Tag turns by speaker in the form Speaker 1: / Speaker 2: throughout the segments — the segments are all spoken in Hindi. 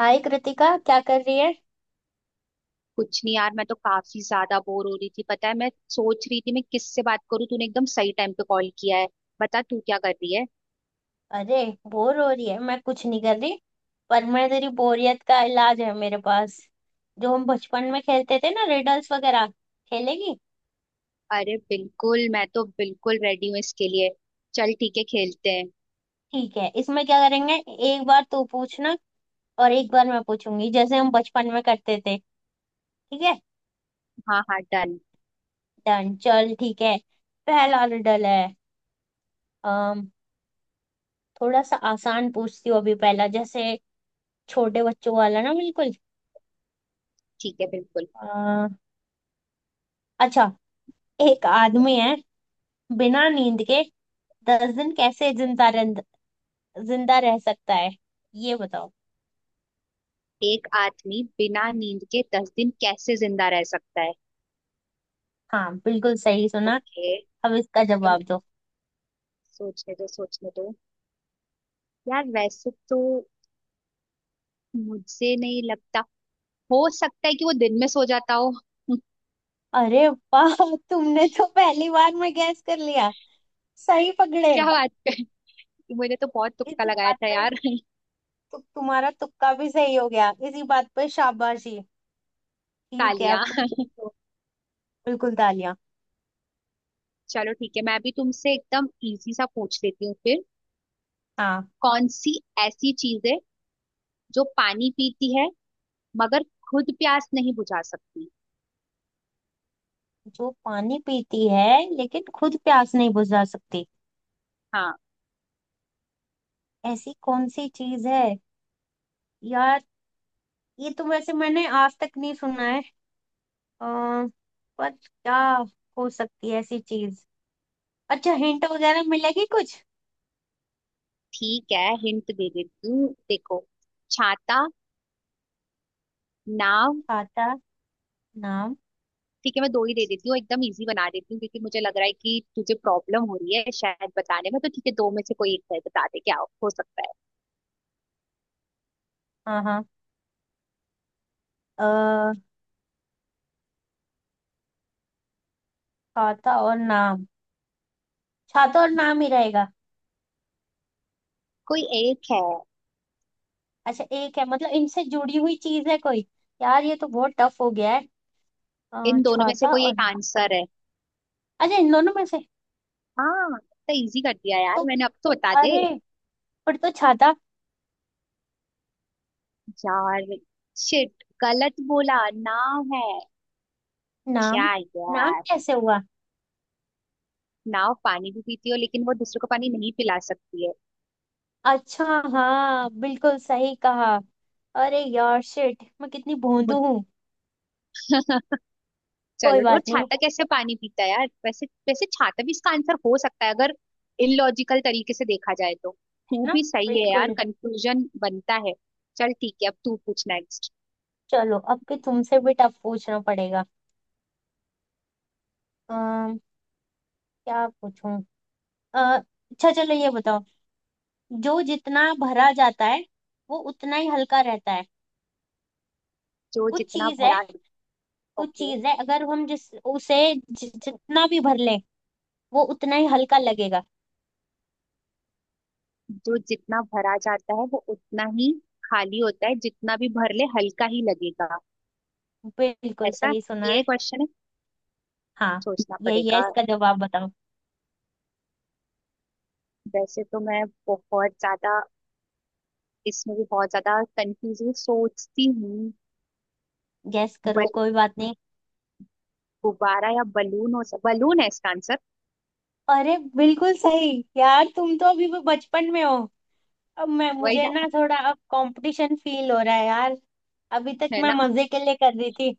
Speaker 1: हाय कृतिका, क्या कर रही है।
Speaker 2: कुछ नहीं यार, मैं तो काफी ज्यादा बोर हो रही थी। पता है, मैं सोच रही थी मैं किससे बात करूं। तूने एकदम सही टाइम पे कॉल किया है। बता तू क्या कर रही है।
Speaker 1: अरे बोर हो रही है, मैं कुछ नहीं कर रही। पर मैं तेरी बोरियत का इलाज है मेरे पास। जो हम बचपन में खेलते थे ना, रिडल्स वगैरह, खेलेगी।
Speaker 2: अरे बिल्कुल, मैं तो बिल्कुल रेडी हूँ इसके लिए। चल ठीक है, खेलते हैं।
Speaker 1: ठीक है, इसमें क्या करेंगे, एक बार तू पूछना और एक बार मैं पूछूंगी, जैसे हम बचपन में करते थे। ठीक है।
Speaker 2: हाँ हाँ, डन।
Speaker 1: डन, चल ठीक है। पहला रिडल है। अम थोड़ा सा आसान पूछती हूँ अभी, पहला जैसे छोटे बच्चों वाला ना, बिल्कुल।
Speaker 2: ठीक है, बिल्कुल।
Speaker 1: अ, अच्छा, एक आदमी है, बिना नींद के दस दिन कैसे जिंदा रह सकता है, ये बताओ।
Speaker 2: एक आदमी बिना नींद के 10 दिन कैसे जिंदा रह सकता है?
Speaker 1: हाँ, बिल्कुल सही सुना।
Speaker 2: ओके।
Speaker 1: अब इसका
Speaker 2: तुम,
Speaker 1: जवाब दो।
Speaker 2: सोचने दो सोचने दो। यार वैसे तो मुझे नहीं लगता। हो सकता है कि वो दिन में सो जाता हो।
Speaker 1: अरे वाह, तुमने तो पहली बार में गैस कर लिया। सही पकड़े।
Speaker 2: क्या बात कर। मुझे तो बहुत तुक्का
Speaker 1: इसी
Speaker 2: लगाया
Speaker 1: बात
Speaker 2: था
Speaker 1: पे,
Speaker 2: यार।
Speaker 1: तुम्हारा तुक्का भी सही हो गया, इसी बात पे शाबाशी। ठीक है, अब
Speaker 2: तालिया।
Speaker 1: तुम पूछो। बिल्कुल तालियां।
Speaker 2: चलो ठीक है, मैं भी तुमसे एकदम इजी सा पूछ लेती हूँ फिर।
Speaker 1: हाँ।
Speaker 2: कौन सी ऐसी चीज है जो पानी पीती है मगर खुद प्यास नहीं बुझा सकती?
Speaker 1: जो पानी पीती है लेकिन खुद प्यास नहीं बुझा सकती,
Speaker 2: हाँ।
Speaker 1: ऐसी कौन सी चीज है। यार ये तो वैसे मैंने आज तक नहीं सुना है। अम, पर क्या हो सकती है ऐसी चीज। अच्छा, हिंट वगैरह मिलेगी कुछ।
Speaker 2: ठीक है, हिंट दे देती हूँ, देखो। छाता, नाव।
Speaker 1: खाता, नाम।
Speaker 2: ठीक है, मैं दो ही दे देती हूँ, एकदम इजी बना देती हूँ, क्योंकि मुझे लग रहा है कि तुझे प्रॉब्लम हो रही है शायद बताने में। तो ठीक है, दो में से कोई एक है, बता दे क्या हो सकता है।
Speaker 1: हाँ हाँ। अ, खाता और नाम। खाता और नाम ही रहेगा।
Speaker 2: कोई एक है।
Speaker 1: अच्छा एक है, मतलब इनसे जुड़ी हुई चीज है कोई। यार ये तो बहुत टफ हो गया है।
Speaker 2: इन दोनों में से
Speaker 1: छाता
Speaker 2: कोई
Speaker 1: और।
Speaker 2: एक आंसर है।
Speaker 1: अच्छा, इन दोनों में से
Speaker 2: हाँ, तो इजी कर दिया
Speaker 1: तो
Speaker 2: यार मैंने, अब तो बता दे।
Speaker 1: अरे, पर तो छाता।
Speaker 2: यार शिट, गलत बोला, नाव है।
Speaker 1: नाम।
Speaker 2: क्या
Speaker 1: नाम
Speaker 2: यार।
Speaker 1: कैसे हुआ।
Speaker 2: नाव पानी भी पीती हो, लेकिन वो दूसरों को पानी नहीं पिला सकती है।
Speaker 1: अच्छा, हाँ बिल्कुल सही कहा। अरे यार शिट, मैं कितनी भोंदू
Speaker 2: मुझ-
Speaker 1: हूँ। कोई
Speaker 2: चलो, और
Speaker 1: बात नहीं।
Speaker 2: छाता कैसे पानी पीता है यार। वैसे वैसे छाता भी इसका आंसर हो सकता है, अगर इलॉजिकल तरीके से देखा जाए तो। तू
Speaker 1: ना,
Speaker 2: भी सही है यार,
Speaker 1: बिल्कुल।
Speaker 2: कंक्लूजन बनता है। चल ठीक है, अब तू पूछ नेक्स्ट।
Speaker 1: चलो, अब भी तुमसे भी टफ पूछना पड़ेगा। अम, क्या पूछूं। अ, अच्छा, चलो ये बताओ। जो जितना भरा जाता है वो उतना ही हल्का रहता है।
Speaker 2: जो
Speaker 1: कुछ
Speaker 2: जितना
Speaker 1: चीज है,
Speaker 2: भरा।
Speaker 1: कुछ
Speaker 2: ओके।
Speaker 1: चीज है, अगर हम जिस उसे जितना भी भर लें वो उतना ही हल्का लगेगा।
Speaker 2: जो जितना भरा जाता है वो उतना ही खाली होता है, जितना भी भर ले हल्का ही लगेगा,
Speaker 1: बिल्कुल
Speaker 2: ऐसा?
Speaker 1: सही सुना
Speaker 2: ये
Speaker 1: है।
Speaker 2: क्वेश्चन है?
Speaker 1: हाँ,
Speaker 2: सोचना
Speaker 1: यही है,
Speaker 2: पड़ेगा।
Speaker 1: इसका जवाब बताओ।
Speaker 2: वैसे तो मैं बहुत ज्यादा इसमें भी बहुत ज्यादा कंफ्यूजन सोचती हूँ।
Speaker 1: गैस करो,
Speaker 2: बल
Speaker 1: कोई बात नहीं।
Speaker 2: गुब्बारा या बलून। हो सक बलून है इसका आंसर।
Speaker 1: अरे बिल्कुल सही, यार तुम तो अभी भी बचपन में हो। अब मैं
Speaker 2: वही
Speaker 1: मुझे
Speaker 2: ना।
Speaker 1: ना थोड़ा अब कंपटीशन फील हो रहा है यार। अभी तक
Speaker 2: है
Speaker 1: मैं
Speaker 2: ना।
Speaker 1: मजे के लिए कर रही थी।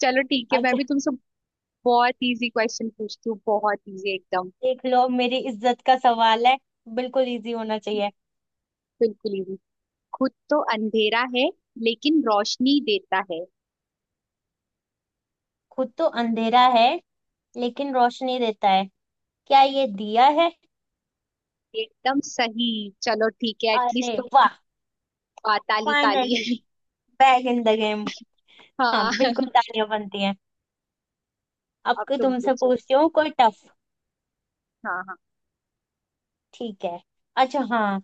Speaker 2: चलो ठीक है, मैं
Speaker 1: अच्छा,
Speaker 2: भी तुमसे बहुत इजी क्वेश्चन पूछती हूँ, बहुत इजी एकदम।
Speaker 1: देख लो मेरी इज्जत का सवाल है, बिल्कुल इजी होना चाहिए।
Speaker 2: बिल्कुल इजी। खुद तो अंधेरा है लेकिन रोशनी देता है।
Speaker 1: खुद तो अंधेरा है लेकिन रोशनी देता है, क्या ये दिया है।
Speaker 2: एकदम सही। चलो ठीक है, एटलीस्ट
Speaker 1: अरे
Speaker 2: तुम।
Speaker 1: वाह,
Speaker 2: ताली ताली।
Speaker 1: Finally back in the game. हाँ,
Speaker 2: हाँ।
Speaker 1: बिल्कुल तालियां बनती हैं। अब
Speaker 2: अब
Speaker 1: कोई
Speaker 2: तुम
Speaker 1: तुमसे
Speaker 2: पूछो।
Speaker 1: पूछती हूँ कोई टफ।
Speaker 2: हाँ हाँ।
Speaker 1: ठीक है, अच्छा हाँ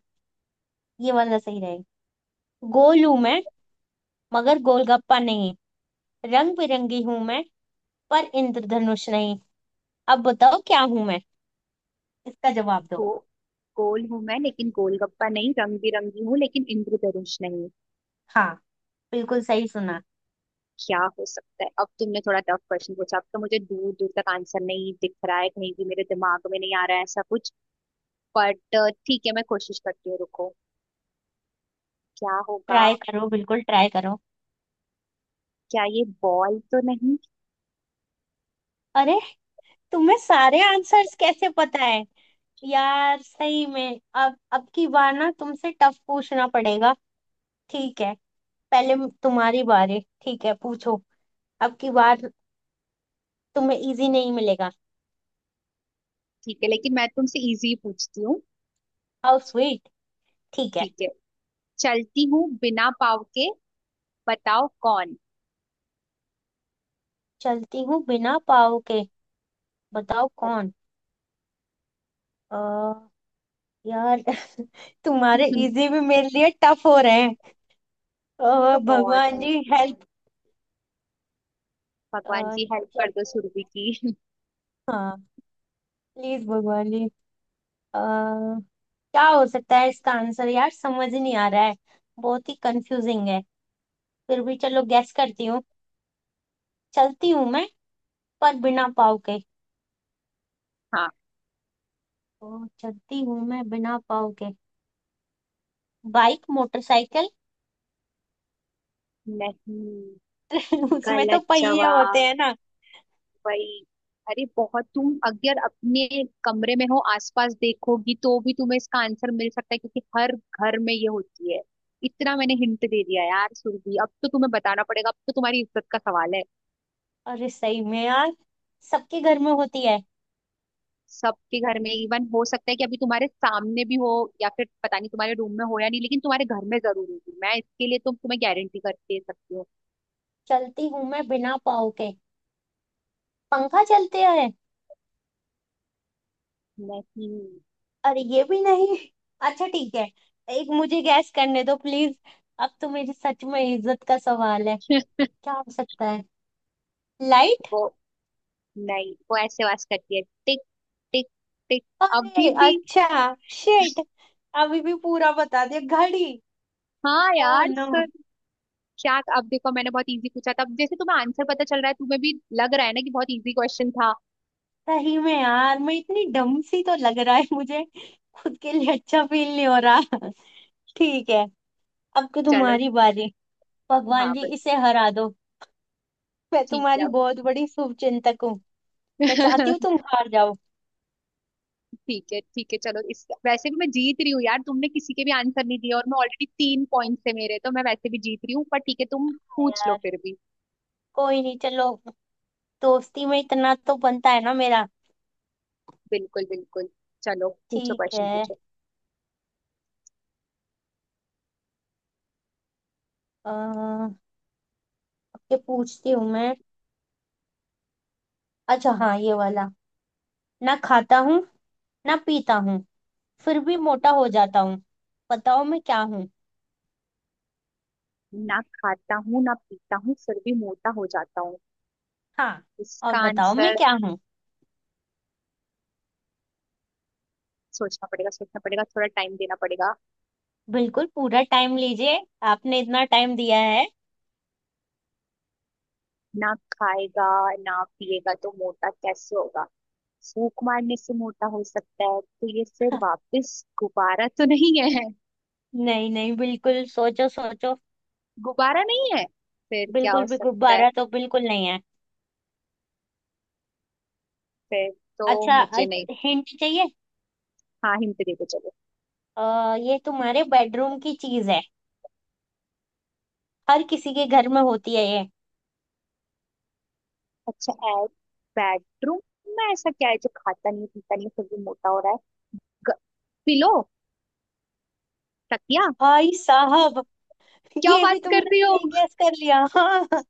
Speaker 1: ये वाला सही रहेगा। गोल हूं मैं मगर गोलगप्पा नहीं, रंग बिरंगी हूं मैं पर इंद्रधनुष नहीं, अब बताओ क्या हूं मैं, इसका जवाब दो।
Speaker 2: गो, गोल हूं मैं लेकिन गोलगप्पा नहीं, रंग बिरंगी हूँ लेकिन इंद्रधनुष नहीं।
Speaker 1: हाँ, बिल्कुल सही सुना।
Speaker 2: क्या हो सकता है? अब तुमने थोड़ा टफ क्वेश्चन पूछा, अब तो मुझे दूर दूर तक आंसर नहीं दिख रहा है, कहीं भी मेरे दिमाग में नहीं आ रहा है ऐसा कुछ। बट ठीक है, मैं कोशिश करती हूँ, रुको। क्या होगा?
Speaker 1: ट्राई करो, बिल्कुल ट्राई करो।
Speaker 2: क्या ये बॉल तो नहीं?
Speaker 1: अरे तुम्हें सारे आंसर्स कैसे पता है। यार सही में, अब की बार ना तुमसे टफ पूछना पड़ेगा। ठीक है, तुम्हारी बारी, ठीक है पूछो, अब की बार तुम्हें इजी नहीं मिलेगा।
Speaker 2: ठीक है, लेकिन मैं तुमसे इजी पूछती हूँ।
Speaker 1: हाउ स्वीट, ठीक है।
Speaker 2: ठीक है। चलती हूँ बिना पाँव के, बताओ कौन।
Speaker 1: चलती हूँ बिना पाँव के, बताओ कौन। अ यार तुम्हारे इजी भी मेरे लिए टफ हो रहे हैं।
Speaker 2: ये तो बहुत
Speaker 1: भगवान जी
Speaker 2: easy।
Speaker 1: हेल्प।
Speaker 2: भगवान जी हेल्प कर दो
Speaker 1: चलती,
Speaker 2: सुरभि की।
Speaker 1: हाँ। प्लीज भगवान जी। क्या हो सकता है इसका आंसर, यार समझ ही नहीं आ रहा है, बहुत ही कंफ्यूजिंग है। फिर भी चलो गैस करती हूँ, चलती हूँ मैं पर बिना पाँव के।
Speaker 2: हाँ।
Speaker 1: ओ, चलती हूँ मैं बिना पाँव के, बाइक, मोटरसाइकिल।
Speaker 2: नहीं,
Speaker 1: उसमें तो
Speaker 2: गलत
Speaker 1: पहिए होते
Speaker 2: जवाब।
Speaker 1: हैं ना।
Speaker 2: वही। अरे बहुत, तुम अगर अपने कमरे में हो, आसपास देखोगी तो भी तुम्हें इसका आंसर मिल सकता है, क्योंकि हर घर में ये होती है। इतना मैंने हिंट दे दिया यार सुरभि, अब तो तुम्हें बताना पड़ेगा, अब तो तुम्हारी इज्जत का सवाल है।
Speaker 1: अरे सही में यार, सबके घर में होती है।
Speaker 2: सबके घर में, इवन हो सकता है कि अभी तुम्हारे सामने भी हो, या फिर पता नहीं तुम्हारे रूम में हो या नहीं, लेकिन तुम्हारे घर में जरूर होगी, मैं इसके लिए तो तुम्हें गारंटी करके दे सकती हूँ।
Speaker 1: चलती हूँ मैं बिना पाँव के, पंखा, चलते हैं।
Speaker 2: नहीं।
Speaker 1: अरे ये भी नहीं। अच्छा ठीक है, एक मुझे गैस करने दो प्लीज, अब तो मेरी सच में इज्जत का सवाल है। क्या हो सकता है, लाइट।
Speaker 2: वो, नहीं, वो ऐसे आवाज करती है, टिक टिक टिक। अभी
Speaker 1: अरे
Speaker 2: भी।
Speaker 1: अच्छा शिट, अभी भी पूरा बता दिया, घड़ी।
Speaker 2: हाँ
Speaker 1: ओ
Speaker 2: यार,
Speaker 1: नो,
Speaker 2: सर। क्या, अब देखो मैंने बहुत इजी पूछा था, अब जैसे तुम्हें आंसर पता चल रहा है, तुम्हें भी लग रहा है ना कि बहुत इजी क्वेश्चन था।
Speaker 1: सही में यार, मैं इतनी डम सी, तो लग रहा है मुझे, खुद के लिए अच्छा फील नहीं हो रहा। ठीक है, अब तो
Speaker 2: चलो।
Speaker 1: तुम्हारी बारी।
Speaker 2: हाँ
Speaker 1: भगवान जी
Speaker 2: भाई।
Speaker 1: इसे हरा दो, मैं
Speaker 2: ठीक
Speaker 1: तुम्हारी
Speaker 2: है।
Speaker 1: बहुत बड़ी शुभचिंतक हूँ, मैं चाहती हूँ तुम हार जाओ।
Speaker 2: ठीक है ठीक है, चलो इस, वैसे भी मैं जीत रही हूँ यार, तुमने किसी के भी आंसर नहीं दिया, और मैं ऑलरेडी 3 पॉइंट से, मेरे तो, मैं वैसे भी जीत रही हूँ, पर ठीक है तुम
Speaker 1: हाँ
Speaker 2: पूछ लो
Speaker 1: यार,
Speaker 2: फिर भी।
Speaker 1: कोई नहीं चलो, दोस्ती में इतना तो बनता है ना मेरा।
Speaker 2: बिल्कुल बिल्कुल। चलो पूछो,
Speaker 1: ठीक
Speaker 2: क्वेश्चन
Speaker 1: है।
Speaker 2: पूछो।
Speaker 1: अः पूछती हूँ मैं, अच्छा हाँ ये वाला। ना खाता हूँ, ना पीता हूँ, फिर भी मोटा हो जाता हूँ, बताओ मैं क्या हूँ।
Speaker 2: ना खाता हूँ ना पीता हूँ, फिर भी मोटा हो जाता हूँ,
Speaker 1: हाँ, और
Speaker 2: इसका
Speaker 1: बताओ मैं
Speaker 2: आंसर।
Speaker 1: क्या हूँ।
Speaker 2: सोचना पड़ेगा सोचना पड़ेगा, थोड़ा टाइम देना पड़ेगा।
Speaker 1: बिल्कुल पूरा टाइम लीजिए, आपने इतना टाइम दिया है।
Speaker 2: ना खाएगा ना पिएगा तो मोटा कैसे होगा। फूक मारने से मोटा हो सकता है, तो ये फिर वापस गुब्बारा तो नहीं है?
Speaker 1: नहीं नहीं, बिल्कुल सोचो सोचो।
Speaker 2: गुब्बारा नहीं है, फिर क्या
Speaker 1: बिल्कुल
Speaker 2: हो
Speaker 1: भी
Speaker 2: सकता है?
Speaker 1: गुब्बारा तो बिल्कुल नहीं है।
Speaker 2: फिर तो
Speaker 1: अच्छा,
Speaker 2: मुझे नहीं।
Speaker 1: हिंट चाहिए।
Speaker 2: हाँ हिंट दे दो, चलो।
Speaker 1: ये तुम्हारे बेडरूम की चीज है, हर किसी के घर में होती है ये।
Speaker 2: अच्छा ऐड। बेडरूम में ऐसा क्या है जो खाता नहीं पीता नहीं फिर भी मोटा हो रहा है? ग- पिलो, तकिया।
Speaker 1: भाई साहब,
Speaker 2: क्या
Speaker 1: ये
Speaker 2: बात
Speaker 1: भी तुमने
Speaker 2: कर रही हो।
Speaker 1: सही गैस कर लिया। हाँ,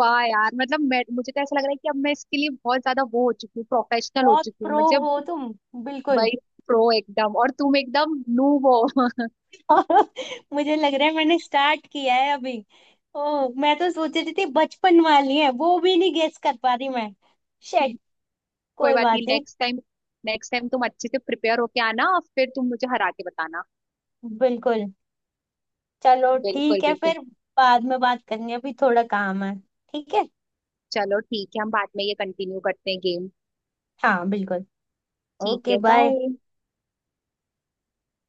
Speaker 2: वाह यार, मतलब मैं मुझे तो ऐसा लग रहा है कि अब मैं इसके लिए बहुत ज्यादा वो हो चुकी हूँ, प्रोफेशनल हो
Speaker 1: बहुत
Speaker 2: चुकी हूँ
Speaker 1: प्रो
Speaker 2: मुझे।
Speaker 1: हो तुम, बिल्कुल।
Speaker 2: वही, प्रो एकदम, और तुम एकदम नूब हो।
Speaker 1: मुझे लग रहा है मैंने स्टार्ट किया है अभी। ओह, मैं तो सोच रही थी बचपन वाली है, वो भी नहीं गेस कर पा रही मैं। शेट,
Speaker 2: कोई
Speaker 1: कोई
Speaker 2: बात नहीं,
Speaker 1: बात नहीं।
Speaker 2: Next time. नेक्स्ट टाइम तुम अच्छे से प्रिपेयर होके आना, और फिर तुम मुझे हरा के बताना।
Speaker 1: बिल्कुल, चलो
Speaker 2: बिल्कुल
Speaker 1: ठीक है
Speaker 2: बिल्कुल।
Speaker 1: फिर, बाद में बात करेंगे, अभी थोड़ा काम है। ठीक है।
Speaker 2: चलो ठीक है, हम बाद में ये कंटिन्यू करते हैं गेम।
Speaker 1: हाँ बिल्कुल।
Speaker 2: ठीक
Speaker 1: ओके
Speaker 2: है,
Speaker 1: बाय।
Speaker 2: बाय।